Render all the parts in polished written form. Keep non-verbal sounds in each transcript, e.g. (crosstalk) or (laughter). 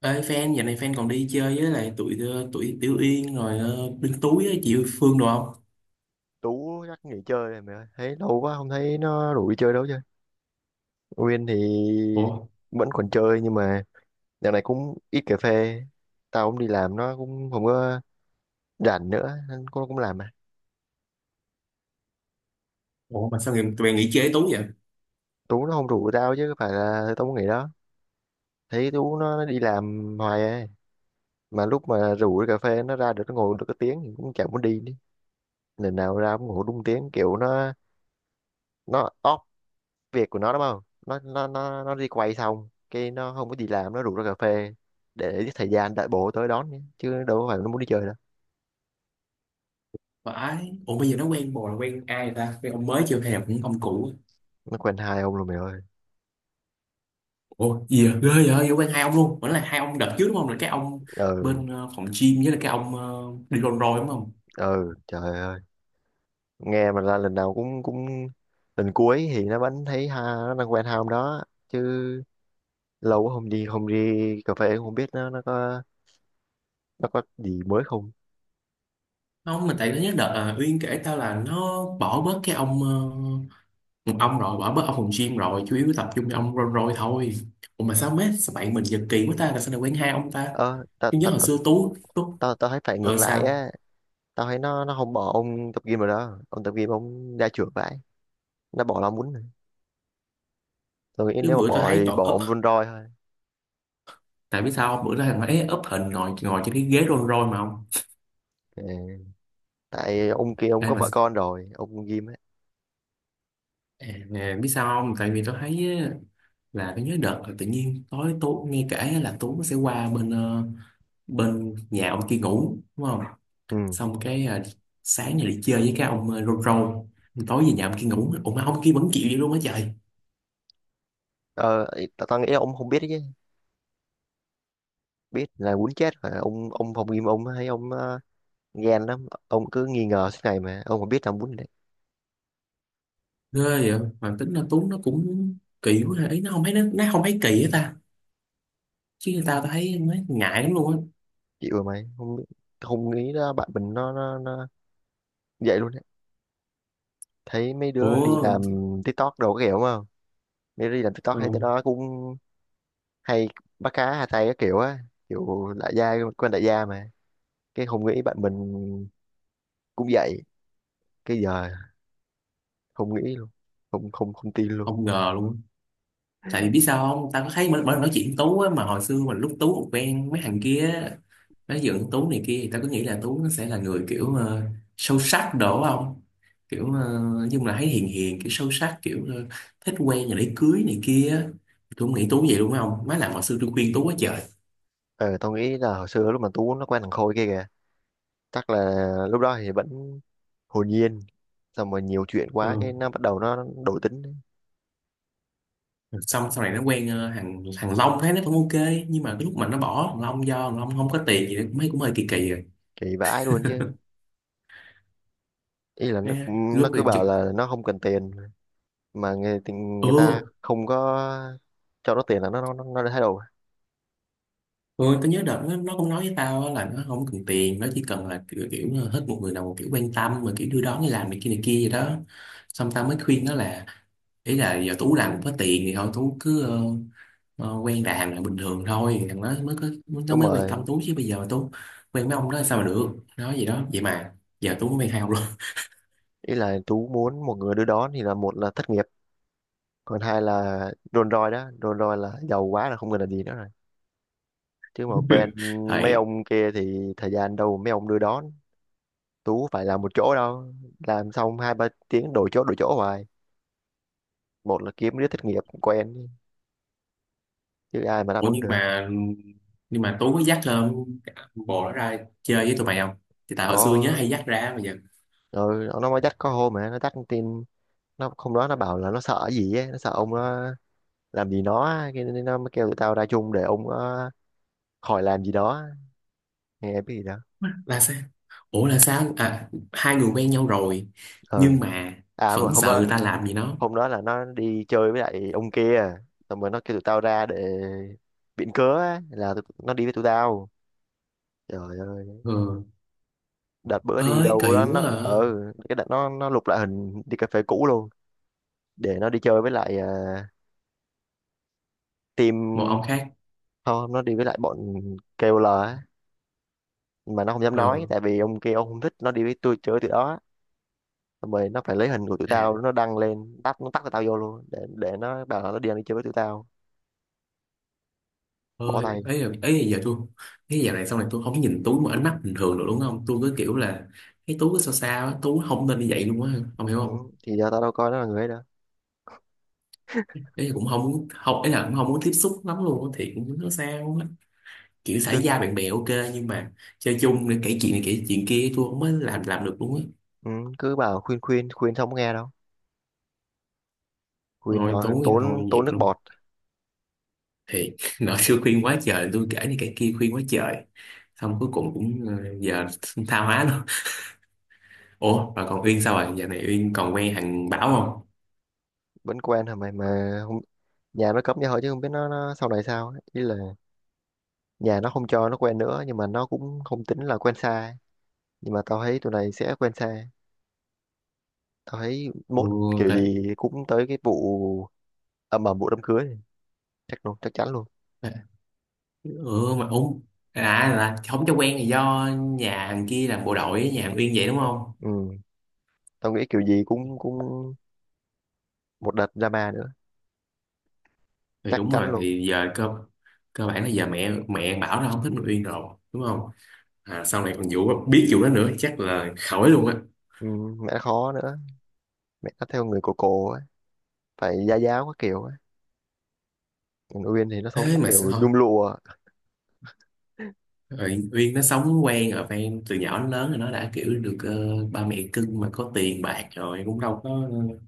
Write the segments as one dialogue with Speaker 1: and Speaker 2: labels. Speaker 1: Ê fan, giờ này fan còn đi chơi với lại tụi tụi Tiểu Yên rồi Đinh Túi á, chị Phương đồ không?
Speaker 2: Tú chắc nghỉ chơi rồi mày ơi, thấy lâu quá không thấy nó rủ đi chơi đâu chứ nguyên thì
Speaker 1: Ủa,
Speaker 2: vẫn còn chơi. Nhưng mà dạo này cũng ít cà phê, tao cũng đi làm, nó cũng không có rảnh nữa nên cũng cũng làm mà.
Speaker 1: ủa mà sao người tụi bạn nghỉ chơi với Tú vậy?
Speaker 2: Tú nó không rủ tao chứ có phải là tao muốn nghỉ đó. Thấy Tú nó đi làm hoài ấy. Mà lúc mà rủ đi cà phê nó ra được, nó ngồi được cái tiếng thì cũng chẳng muốn đi nữa. Lần nào ra cũng ngồi đúng tiếng kiểu nó off việc của nó đúng không, nó đi quay xong cái nó không có gì làm, nó rủ ra cà phê để giết thời gian đợi bố tới đón nhé. Chứ đâu có phải nó muốn đi chơi đâu.
Speaker 1: Phải, ủa bây giờ nó quen bồ là quen ai rồi ta? Quen ông mới chưa hay là cũng ông cũ?
Speaker 2: Nó quen hai ông luôn mày ơi.
Speaker 1: Ủa, gì vậy? Ghê vậy, vậy quen hai ông luôn. Vẫn là hai ông đợt trước đúng không? Là cái ông
Speaker 2: Ừ.
Speaker 1: bên phòng gym với là cái ông đi Rolls Royce đúng không?
Speaker 2: Ừ, trời ơi, nghe mà là lần nào cũng cũng lần cuối thì nó vẫn thấy ha, nó đang quen hai ông đó chứ. Lâu quá không đi, không đi cà phê cũng không biết nó có, nó có gì mới không.
Speaker 1: Không, mà tại nó nhớ đợt Uyên kể tao là nó bỏ bớt cái ông rồi bỏ bớt ông phòng gym rồi chủ yếu tập trung cho ông rong roi thôi. Ủa mà sao mấy, sao bạn mình giật kỳ quá ta là sao lại quen hai ông ta.
Speaker 2: ờ tao
Speaker 1: Nhưng nhớ
Speaker 2: tao
Speaker 1: hồi
Speaker 2: tao
Speaker 1: xưa tú tú.
Speaker 2: tao tao thấy phải
Speaker 1: Ờ
Speaker 2: ngược lại
Speaker 1: sao?
Speaker 2: á. Tao thấy nó không bỏ ông tập gym rồi đó, ông tập gym ông ra trưởng vậy, nó bỏ làm muốn. Tôi nghĩ
Speaker 1: Chứ
Speaker 2: nếu mà
Speaker 1: bữa tôi
Speaker 2: bỏ
Speaker 1: thấy
Speaker 2: thì
Speaker 1: còn
Speaker 2: bỏ
Speaker 1: up,
Speaker 2: ông Vun Roy thôi.
Speaker 1: tại biết sao không? Bữa đó thằng ấy up hình ngồi ngồi trên cái ghế rong roi mà không
Speaker 2: Ừ. Tại ông kia ông
Speaker 1: ai
Speaker 2: có
Speaker 1: mà
Speaker 2: vợ con rồi, ông Won Ghim ấy.
Speaker 1: à, à, biết sao không, tại vì tôi thấy á, là tôi nhớ đợt là tự nhiên tối tú nghe kể á, là tú sẽ qua bên bên nhà ông kia ngủ đúng không,
Speaker 2: Ừ.
Speaker 1: xong cái sáng này đi chơi với cái ông rong roi, tối về nhà ông kia ngủ. Ủa mà ông kia vẫn chịu vậy luôn á trời.
Speaker 2: Tao tao nghĩ ông không biết chứ biết là muốn chết rồi. Ông phòng Ghim ông hay ông ghen lắm, ông cứ nghi ngờ suốt ngày mà ông không biết làm muốn đấy.
Speaker 1: Ghê. Vậy mà tính là Tuấn nó cũng kỳ quá ha. Ý nó không thấy kỳ hết ta chứ, người ta tao thấy nó ngại lắm luôn á.
Speaker 2: Chịu rồi mày không biết. Không nghĩ là bạn mình nó vậy luôn đấy. Thấy mấy đứa đi
Speaker 1: Ủa.
Speaker 2: làm TikTok đồ cái kiểu đúng không, mấy đứa đi làm TikTok
Speaker 1: ờ,
Speaker 2: thấy tụi nó cũng hay bắt cá hai tay cái kiểu á, kiểu đại gia quen đại gia mà. Cái không nghĩ bạn mình cũng vậy, cái giờ không nghĩ luôn, không không không tin luôn.
Speaker 1: không ngờ luôn á. Tại vì biết sao không, tao có thấy mỗi mỗi lần nói chuyện với Tú á, mà hồi xưa mình lúc Tú còn quen mấy thằng kia á, nói dựng Tú này kia, thì tao cứ nghĩ là Tú nó sẽ là người kiểu sâu sắc đổ không, kiểu nói chung là thấy hiền hiền kiểu sâu sắc kiểu thích quen rồi để cưới này kia á. Tôi không nghĩ Tú vậy đúng không má, làm hồi xưa tôi khuyên Tú quá trời.
Speaker 2: Ờ, tao nghĩ là hồi xưa lúc mà Tú nó quen thằng Khôi kia kìa chắc là lúc đó thì vẫn hồn nhiên, xong rồi nhiều chuyện
Speaker 1: Ừ.
Speaker 2: quá cái nó bắt đầu nó đổi tính đấy.
Speaker 1: Xong sau này nó quen thằng thằng Long thấy nó cũng ok, nhưng mà cái lúc mà nó bỏ thằng Long do thằng Long không có tiền gì cũng thấy cũng hơi kỳ kỳ rồi.
Speaker 2: Kỳ vãi luôn chứ. Ý là nó
Speaker 1: Thế
Speaker 2: nó
Speaker 1: lúc
Speaker 2: cứ
Speaker 1: này trực.
Speaker 2: bảo là nó không cần tiền mà người thì người ta
Speaker 1: Ừ.
Speaker 2: không có cho nó tiền là nó đã thay đổi.
Speaker 1: Ừ tao nhớ đợt nó cũng nói với tao á là nó không cần tiền, nó chỉ cần là kiểu, kiểu là hết một người nào một kiểu quan tâm mà kiểu đưa đón đi làm này kia vậy đó. Xong tao mới khuyên nó là ý là giờ Tú làm cũng có tiền thì thôi Tú cứ quen đàn là bình thường thôi, thằng nó mới có, nó
Speaker 2: Đúng
Speaker 1: mới quan tâm
Speaker 2: rồi.
Speaker 1: Tú, chứ bây giờ mà Tú quen mấy ông đó sao mà được, nói gì đó vậy mà giờ Tú mới quen hai luôn.
Speaker 2: Ý là Tú muốn một người đưa đón thì là một là thất nghiệp, còn hai là đồn roi đó, đồn roi là giàu quá là không cần là gì nữa rồi. Chứ mà quen
Speaker 1: (laughs)
Speaker 2: mấy
Speaker 1: Thầy.
Speaker 2: ông kia thì thời gian đâu mà mấy ông đưa đón. Tú phải làm một chỗ đâu, làm xong hai ba tiếng đổi chỗ hoài, một là kiếm đứa thất nghiệp quen chứ ai mà đáp
Speaker 1: Ủa
Speaker 2: ứng
Speaker 1: nhưng
Speaker 2: được.
Speaker 1: mà, nhưng mà Tú có dắt lên bộ đó ra chơi với tụi mày không? Thì tại hồi xưa nhớ hay
Speaker 2: Có,
Speaker 1: dắt ra mà giờ
Speaker 2: rồi nó mới dắt có hôm mà nó dắt tin. Nó không đó, nó bảo là nó sợ gì ấy, nó sợ ông nó làm gì nó á, cái nên nó mới kêu tụi tao ra chung để ông nó khỏi làm gì đó, nghe biết gì đó.
Speaker 1: là sao? Ủa là sao? À, hai người quen nhau rồi
Speaker 2: Ờ.
Speaker 1: nhưng mà
Speaker 2: À mà
Speaker 1: vẫn
Speaker 2: hôm
Speaker 1: sợ
Speaker 2: đó,
Speaker 1: người ta làm gì nó.
Speaker 2: hôm đó là nó đi chơi với lại ông kia, xong rồi nó kêu tụi tao ra để biện cớ á, là nó đi với tụi tao. Trời ơi.
Speaker 1: Ừ.
Speaker 2: Đợt bữa đi
Speaker 1: Ơi
Speaker 2: đâu
Speaker 1: kỳ
Speaker 2: đó
Speaker 1: quá
Speaker 2: nó
Speaker 1: à.
Speaker 2: ừ. Cái đợt nó lục lại hình đi cà phê cũ luôn để nó đi chơi với lại
Speaker 1: Một
Speaker 2: team.
Speaker 1: ông khác.
Speaker 2: Không, nó đi với lại bọn KOL á. Nhưng mà nó không dám nói
Speaker 1: Ừ.
Speaker 2: tại vì ông kia ông không thích nó đi với tôi chơi tụi đó. Xong rồi nó phải lấy hình của tụi
Speaker 1: À,
Speaker 2: tao nó đăng lên, tắt, nó tắt tụi tao vô luôn để nó bảo là nó đi ăn đi chơi với tụi tao. Bỏ
Speaker 1: ơi
Speaker 2: tay.
Speaker 1: ấy là, ấy là giờ tôi, cái giờ này sau này tôi không nhìn Tú một ánh mắt bình thường được đúng không? Tôi cứ kiểu là cái Tú cứ sao sao á, Tú không nên như vậy luôn á, không hiểu
Speaker 2: Ừ.
Speaker 1: không?
Speaker 2: Thì giờ tao đâu coi nó là người ấy đâu.
Speaker 1: Ý là cũng không muốn, không ấy là cũng không muốn tiếp xúc lắm luôn á, thì cũng nó sao á. Kiểu xã giao bạn bè ok, nhưng mà chơi chung để kể chuyện này kể chuyện kia tôi không mới làm được luôn á.
Speaker 2: Ừ, cứ bảo khuyên khuyên khuyên không có nghe đâu, khuyên
Speaker 1: Thôi
Speaker 2: nói
Speaker 1: tối thì thôi
Speaker 2: tốn tốn
Speaker 1: dẹp
Speaker 2: nước
Speaker 1: luôn
Speaker 2: bọt.
Speaker 1: thì. (laughs) Nợ xưa khuyên quá trời, tôi kể này kể kia khuyên quá trời, xong cuối cùng cũng giờ (laughs) tha hóa luôn. (laughs) Ủa mà còn Uyên sao rồi, giờ này Uyên còn quen thằng Bảo không?
Speaker 2: Vẫn quen hả mày, mà không, nhà nó cấm như hỏi chứ không biết nó sau này sao ấy. Ý là nhà nó không cho nó quen nữa nhưng mà nó cũng không tính là quen xa ấy. Nhưng mà tao thấy tụi này sẽ quen xa. Tao thấy
Speaker 1: Ừ,
Speaker 2: mốt kiểu
Speaker 1: tại,
Speaker 2: gì cũng tới cái vụ ầm ầm vụ đám cưới này. Chắc luôn, chắc chắn luôn.
Speaker 1: tại ừ mà úng, à là không cho quen là do nhà thằng kia làm bộ đội với nhà thằng Uyên vậy đúng không.
Speaker 2: Ừ, tao nghĩ kiểu gì cũng cũng một đợt drama nữa.
Speaker 1: Thì
Speaker 2: Chắc
Speaker 1: đúng
Speaker 2: chắn
Speaker 1: rồi
Speaker 2: luôn.
Speaker 1: thì giờ cơ, cơ bản là giờ mẹ mẹ Bảo nó không thích thằng Uyên rồi đúng không. À, sau này còn vụ biết vụ đó nữa chắc là khỏi luôn á.
Speaker 2: Ừ, mẹ nó khó nữa. Mẹ nó theo người cổ cổ ấy, phải gia giáo các kiểu ấy. Còn Uyên thì nó sống
Speaker 1: Thế mà sẽ
Speaker 2: kiểu
Speaker 1: thôi.
Speaker 2: nhung lụa.
Speaker 1: Rồi Uyên nó sống quen ở ven từ nhỏ đến lớn rồi, nó đã kiểu được ba mẹ cưng mà có tiền bạc rồi cũng đâu có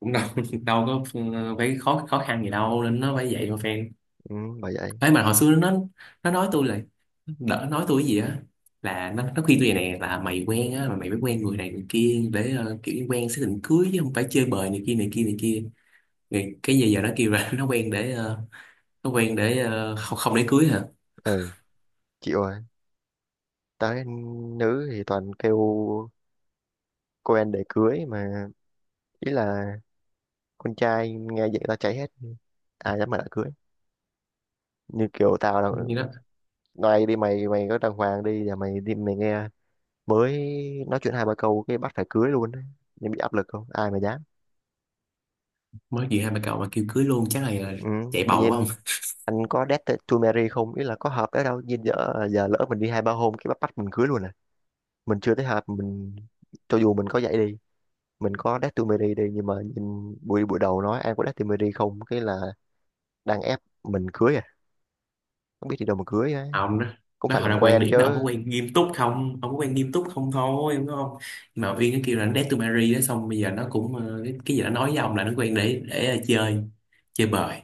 Speaker 1: cũng đâu (laughs) đâu có phải khó khó khăn gì đâu, nên nó phải vậy mà fan.
Speaker 2: Ừ, bởi vậy.
Speaker 1: Thế mà hồi xưa nó nói tôi là đỡ nói tôi cái gì á, là nó khuyên tôi vậy nè, là mày quen á mà mày phải quen người này người kia để kiểu quen xác định cưới chứ không phải chơi bời này kia này kia này kia. Thì cái giờ giờ nó kêu là (laughs) nó quen để không, không để cưới hả.
Speaker 2: Ừ chịu rồi. Tới nữ thì toàn kêu cô anh để cưới mà. Ý là con trai nghe vậy tao cháy hết, ai dám mà đã cưới. Như kiểu tao là
Speaker 1: Như đó
Speaker 2: ngoài đi, mày mày có đàng hoàng đi là mày đi mày nghe, mới nói chuyện hai ba câu cái bắt phải cưới luôn đấy, nên bị áp lực không ai mà dám.
Speaker 1: mới gì hai bà cậu mà kêu cưới luôn chắc là
Speaker 2: Ừ,
Speaker 1: chạy
Speaker 2: tự
Speaker 1: bầu quá không.
Speaker 2: nhiên anh có date to marry không, ý là có hợp đấy đâu nhìn giờ, giờ lỡ mình đi hai ba hôm cái bắt bắt mình cưới luôn à. Mình chưa thấy hợp mình, cho dù mình có vậy đi, mình có Datumeri đi nhưng mà nhìn buổi buổi đầu nói ai có Datumeri không cái là đang ép mình cưới à, không biết đi đâu mà cưới á.
Speaker 1: À, ông đó
Speaker 2: Cũng
Speaker 1: nó
Speaker 2: phải
Speaker 1: họ
Speaker 2: làm
Speaker 1: là quan
Speaker 2: quen
Speaker 1: điểm đó, ông có
Speaker 2: chứ.
Speaker 1: quen nghiêm túc không, ông có quen nghiêm túc không thôi đúng không. Nhưng mà Uyên nó kêu là nó date to marry đó, xong bây giờ nó cũng cái gì nó nói với ông là nó quen để chơi, chơi bời.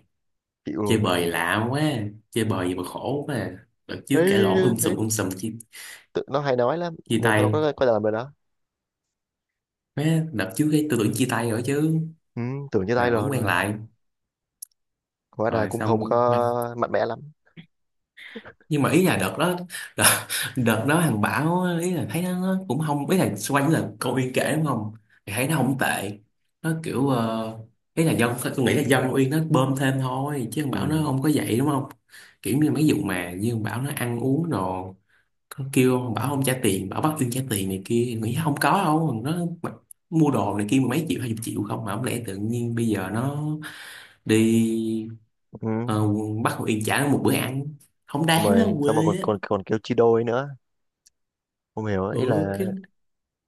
Speaker 2: Chịu rồi
Speaker 1: Chơi
Speaker 2: mà.
Speaker 1: bời lạ quá, chơi bời gì mà khổ quá à. Đợt trước
Speaker 2: Thấy,
Speaker 1: cãi lộn
Speaker 2: thấy
Speaker 1: sùm sùm chia,
Speaker 2: tự, nó hay nói lắm,
Speaker 1: chia
Speaker 2: nên tôi
Speaker 1: tay.
Speaker 2: có làm rồi đó.
Speaker 1: Má, đợt trước cái tôi tưởng chia tay rồi chứ,
Speaker 2: Ừ, tưởng như tay
Speaker 1: mà
Speaker 2: rồi
Speaker 1: vẫn quen
Speaker 2: rồi,
Speaker 1: lại
Speaker 2: hóa ra
Speaker 1: rồi
Speaker 2: cũng không
Speaker 1: xong.
Speaker 2: có mạnh mẽ lắm.
Speaker 1: Nhưng mà ý là đợt đó, đợt, đợt đó thằng Bảo á, ý là thấy nó cũng không, ý là xoay quanh là câu Uyên kể đúng không, thì thấy nó không tệ, nó kiểu ý là dân tôi nghĩ là dân Uyên nó bơm thêm thôi chứ thằng Bảo nó
Speaker 2: Ừ,
Speaker 1: không có vậy đúng không. Kiểu như mấy vụ mà như thằng Bảo nó ăn uống rồi nó kêu thằng Bảo không trả tiền, Bảo bắt Uyên trả tiền này kia, nghĩ không có đâu. Nó mặc- mua đồ này kia mười mấy triệu hai chục triệu không, mà không lẽ tự nhiên bây giờ nó đi
Speaker 2: ừ.
Speaker 1: ờ, bắt Uyên trả nó một bữa ăn không
Speaker 2: Xong
Speaker 1: đáng á
Speaker 2: rồi,
Speaker 1: quê.
Speaker 2: xong rồi còn còn còn kêu chia đôi nữa, không hiểu. Ý
Speaker 1: Ừ
Speaker 2: là
Speaker 1: cái,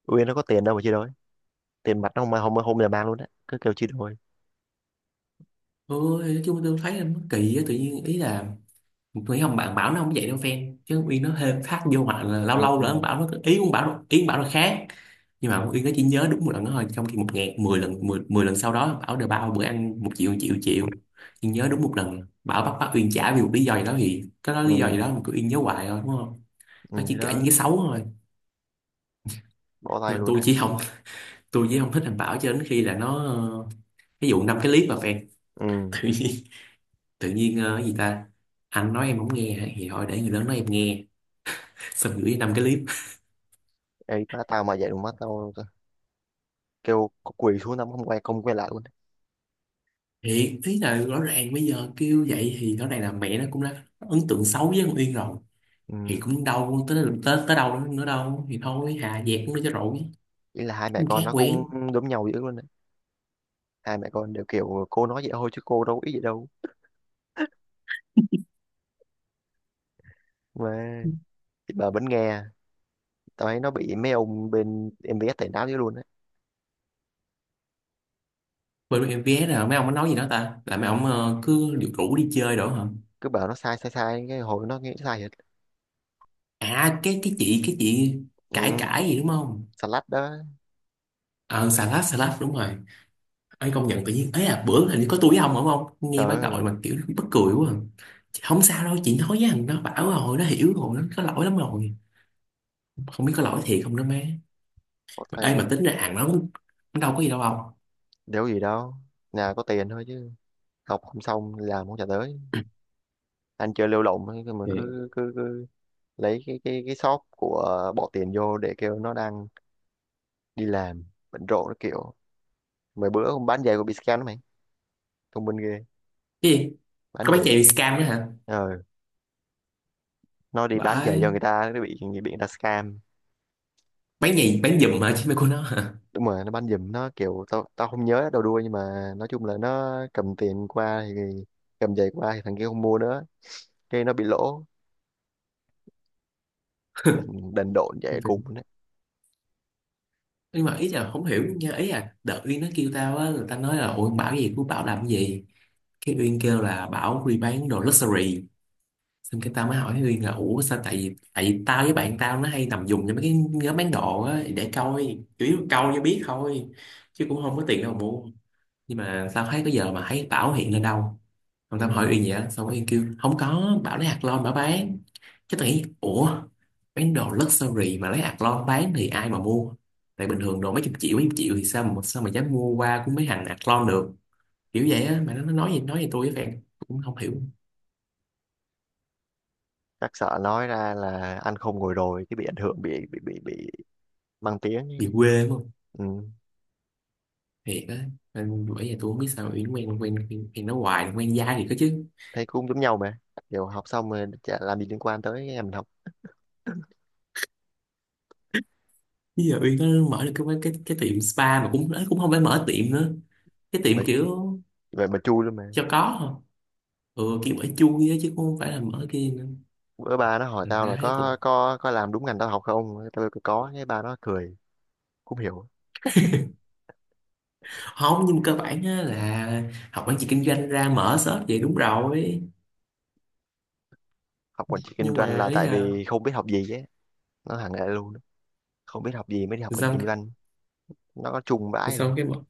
Speaker 2: Uyên nó có tiền đâu mà chia đôi, tiền mặt nó không không không là mang luôn á, cứ kêu chia đôi.
Speaker 1: ừ, thì nói chung tôi thấy là nó kỳ á, tự nhiên ý là nghĩ không, bạn bảo nó không vậy đâu fan, chứ Uyên nó thêm thắt vô, hoặc là lâu
Speaker 2: Ừ,
Speaker 1: lâu
Speaker 2: ừ,
Speaker 1: là ông bảo nó, ý ông bảo nó, ý ông bảo nó khác, nhưng mà ông Uyên nó chỉ nhớ đúng một lần đó thôi, trong khi một ngàn mười lần mười, mười lần sau đó bảo đều bao bữa ăn một triệu một triệu một triệu, nhưng nhớ đúng một lần bảo bắt bắt Uyên trả vì một lý do gì đó, thì cái đó
Speaker 2: ừ,
Speaker 1: lý do gì đó mà cứ Uyên nhớ hoài thôi đúng không.
Speaker 2: ừ,
Speaker 1: Nó
Speaker 2: thì
Speaker 1: chỉ kể những
Speaker 2: đó.
Speaker 1: cái xấu thôi.
Speaker 2: Bỏ tay
Speaker 1: Nhưng mà
Speaker 2: luôn
Speaker 1: tôi
Speaker 2: đấy.
Speaker 1: chỉ không, (laughs) tôi chỉ không thích thằng Bảo cho đến khi là nó ví dụ năm cái clip mà fan.
Speaker 2: Ừ.
Speaker 1: (laughs) Tự nhiên cái gì ta, anh nói em không nghe thì thôi để người lớn nói em nghe. (laughs) Xong gửi năm cái clip.
Speaker 2: Ê, má tao mà vậy má tao kêu có quỳ xuống tao không quay, không quay lại luôn đấy.
Speaker 1: Thiệt, ý là rõ ràng bây giờ kêu vậy thì rõ ràng là mẹ nó cũng đã có ấn tượng xấu với con Uyên rồi. Thì
Speaker 2: Ừ.
Speaker 1: cũng đâu tới tới, tới đâu nữa đâu, thì thôi hà dẹp cũng cho rồi.
Speaker 2: Ý là hai mẹ
Speaker 1: Cũng
Speaker 2: con
Speaker 1: khác
Speaker 2: nó cũng
Speaker 1: quen.
Speaker 2: đúng nhau dữ luôn đấy. Hai mẹ con đều kiểu cô nói vậy thôi chứ cô đâu có ý gì đâu mà, thì bà vẫn nghe. Tao thấy nó bị mấy ông bên MBS tẩy não dữ luôn đấy.
Speaker 1: Bên em vé là mấy ông có nói gì đó ta, là mấy ông cứ điều rủ đi chơi đó hả.
Speaker 2: Cứ bảo nó sai sai sai cái hồi nó nghĩ sai hết.
Speaker 1: À cái chị cãi
Speaker 2: Ừ.
Speaker 1: cãi gì đúng không.
Speaker 2: Salad đó.
Speaker 1: Ờ xà lách, xà lách đúng rồi. Ấy công nhận tự nhiên ấy, à bữa hình như có tôi với ông đúng không,
Speaker 2: Ờ,
Speaker 1: nghe bác gọi mà kiểu bất cười quá à. Chị, không sao đâu chị, nói với thằng nó bảo rồi, nó hiểu rồi, nó có lỗi lắm rồi. Không biết có lỗi thiệt không nữa má.
Speaker 2: có
Speaker 1: Mà
Speaker 2: tay
Speaker 1: ấy mà
Speaker 2: luôn.
Speaker 1: tính ra hàng nó cũng, nó đâu có gì đâu ông.
Speaker 2: Đéo gì đâu, nhà có tiền thôi chứ, học không xong làm không trả tới, anh chơi lêu lổng ấy, mà
Speaker 1: Thì
Speaker 2: cứ cứ, cứ lấy cái cái shop của bỏ tiền vô để kêu nó đăng đi làm bận rộn nó kiểu. Mấy bữa không bán giày của bị scam đó mày, thông minh ghê.
Speaker 1: cái gì,
Speaker 2: Bán
Speaker 1: có bán
Speaker 2: giày
Speaker 1: giày
Speaker 2: bị.
Speaker 1: bị scam nữa hả?
Speaker 2: Ờ, nó đi bán giày cho
Speaker 1: Vãi.
Speaker 2: người ta nó bị người ta scam.
Speaker 1: Bán giày bán giùm hả chứ mày của nó hả.
Speaker 2: Đúng rồi, nó bán giùm, nó kiểu tao, tao không nhớ đầu đuôi nhưng mà nói chung là nó cầm tiền qua thì, cầm giày qua thì thằng kia không mua nữa cái nó bị lỗ. Đần, đần độn vậy cùng đấy.
Speaker 1: Nhưng mà ý là không hiểu nha, ý là đợt Uyên nó kêu tao á, người ta nói là ủa Bảo gì của Bảo làm cái gì, cái Uyên kêu là Bảo đi bán đồ luxury. Xong cái tao mới hỏi Huy là ủa sao, tại vì tao với bạn tao nó hay nằm dùng cho mấy cái nhóm bán đồ á, để coi chủ yếu câu cho biết thôi chứ cũng không có tiền đâu mà mua. Nhưng mà tao thấy tới giờ mà thấy Bảo hiện lên đâu.
Speaker 2: Ừ.
Speaker 1: Còn tao hỏi Uyên vậy á, xong Uyên kêu không có, Bảo lấy hạt lon Bảo bán. Chứ tao nghĩ ủa, bán đồ luxury mà lấy hạt lon bán thì ai mà mua, tại bình thường đồ mấy chục triệu thì sao mà dám mua qua của mấy thằng hạt lon được, kiểu vậy á. Mà nó nói gì tôi với bạn cũng không hiểu.
Speaker 2: Chắc sợ nói ra là ăn không ngồi rồi cái bị ảnh hưởng, bị mang tiếng
Speaker 1: Bị
Speaker 2: ấy.
Speaker 1: quê quá.
Speaker 2: Ừ.
Speaker 1: Thiệt á. Nên bởi giờ tôi không biết sao Uyên quen quen quen, quen nó hoài, quen dai thì có chứ.
Speaker 2: Thấy cũng giống nhau mà, kiểu học xong rồi chả làm gì liên quan tới em học
Speaker 1: Bây giờ Uyên nó mở được cái tiệm spa mà cũng, nó cũng không phải mở tiệm nữa, cái
Speaker 2: mà.
Speaker 1: tiệm kiểu
Speaker 2: Vậy mà chui luôn mà.
Speaker 1: cho có thôi. Ừ kiểu ở chui á chứ cũng không phải là mở kia nữa.
Speaker 2: Bữa ba nó hỏi
Speaker 1: Thành
Speaker 2: tao
Speaker 1: ra
Speaker 2: là
Speaker 1: thấy
Speaker 2: có
Speaker 1: cũng
Speaker 2: có làm đúng ngành tao học không, tao kêu có cái ba nó cười, cũng hiểu.
Speaker 1: không, nhưng mà cơ bản á là học quản trị kinh doanh ra mở shop vậy đúng rồi.
Speaker 2: Học quản trị kinh
Speaker 1: Nhưng
Speaker 2: doanh
Speaker 1: mà
Speaker 2: là
Speaker 1: ý
Speaker 2: tại
Speaker 1: là
Speaker 2: vì không biết học gì ấy. Nó thẳng lại luôn đó. Không biết học gì mới đi học quản trị
Speaker 1: xong,
Speaker 2: kinh doanh. Nó có chung vãi luôn.
Speaker 1: xong cái mở-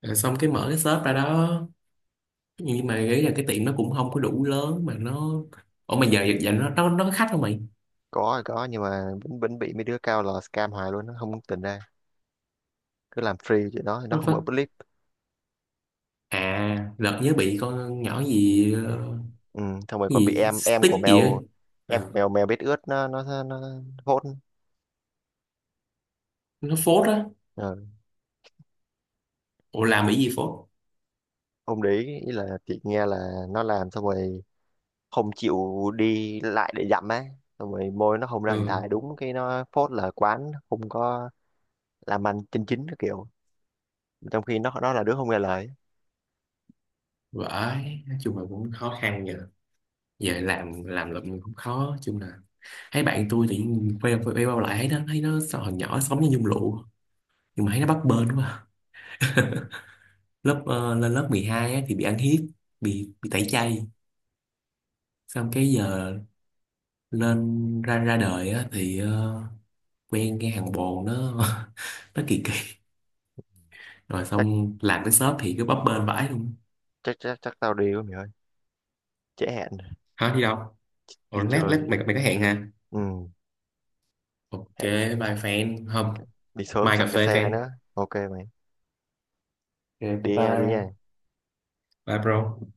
Speaker 1: à, xong cái mở cái shop ra đó, nhưng mà ý là cái tiệm nó cũng không có đủ lớn mà nó, ủa mà giờ giờ nó có khách không
Speaker 2: Có thì có nhưng mà vẫn vẫn bị mấy đứa cao là scam hoài luôn, nó không tỉnh ra. Cứ làm free chuyện đó thì nó không ở
Speaker 1: mày?
Speaker 2: clip.
Speaker 1: À lật nhớ bị con nhỏ gì
Speaker 2: Ừ, xong rồi
Speaker 1: cái
Speaker 2: còn bị
Speaker 1: gì
Speaker 2: em của
Speaker 1: stick gì ấy.
Speaker 2: mèo, em của
Speaker 1: Ờ,
Speaker 2: mèo mèo biết ướt nó hốt.
Speaker 1: nó phốt á.
Speaker 2: Ừ.
Speaker 1: Ủa làm bị gì phốt?
Speaker 2: Không để ý, ý là chị nghe là nó làm xong rồi không chịu đi lại để dặm á, xong rồi môi nó không ra hình hài
Speaker 1: Ừ
Speaker 2: đúng cái nó phốt là quán không có làm ăn chân chính cái kiểu, trong khi nó là đứa không nghe lời.
Speaker 1: vãi. Nói chung là cũng khó khăn giờ, giờ làm lụm cũng khó chung là. Thấy bạn tôi thì quay quay bao lại thấy nó, thấy nó sao hồi nhỏ sống như nhung lụa nhưng mà thấy nó bấp bênh quá. (laughs) Lớp lên lớp 12 á, thì bị ăn hiếp, bị tẩy chay, xong cái giờ lên ra ra đời á, thì quen cái thằng bồ nó (laughs) nó kỳ, rồi
Speaker 2: Chắc,
Speaker 1: xong làm cái shop thì cứ bấp bênh vãi luôn.
Speaker 2: chắc tao đi quá mày ơi, trễ hẹn.
Speaker 1: Hả đi đâu? Ủa,
Speaker 2: Đi
Speaker 1: lát lát
Speaker 2: chơi.
Speaker 1: mày mày có hẹn hả?
Speaker 2: Ừ,
Speaker 1: Ok,
Speaker 2: hẹn.
Speaker 1: bye fan không.
Speaker 2: Đi sớm
Speaker 1: Mai
Speaker 2: sợ
Speaker 1: cà
Speaker 2: kẹt
Speaker 1: phê
Speaker 2: xe
Speaker 1: fan.
Speaker 2: nữa, ok mày.
Speaker 1: Ok bye
Speaker 2: Đi nha, đi nha.
Speaker 1: bye. Bye bro.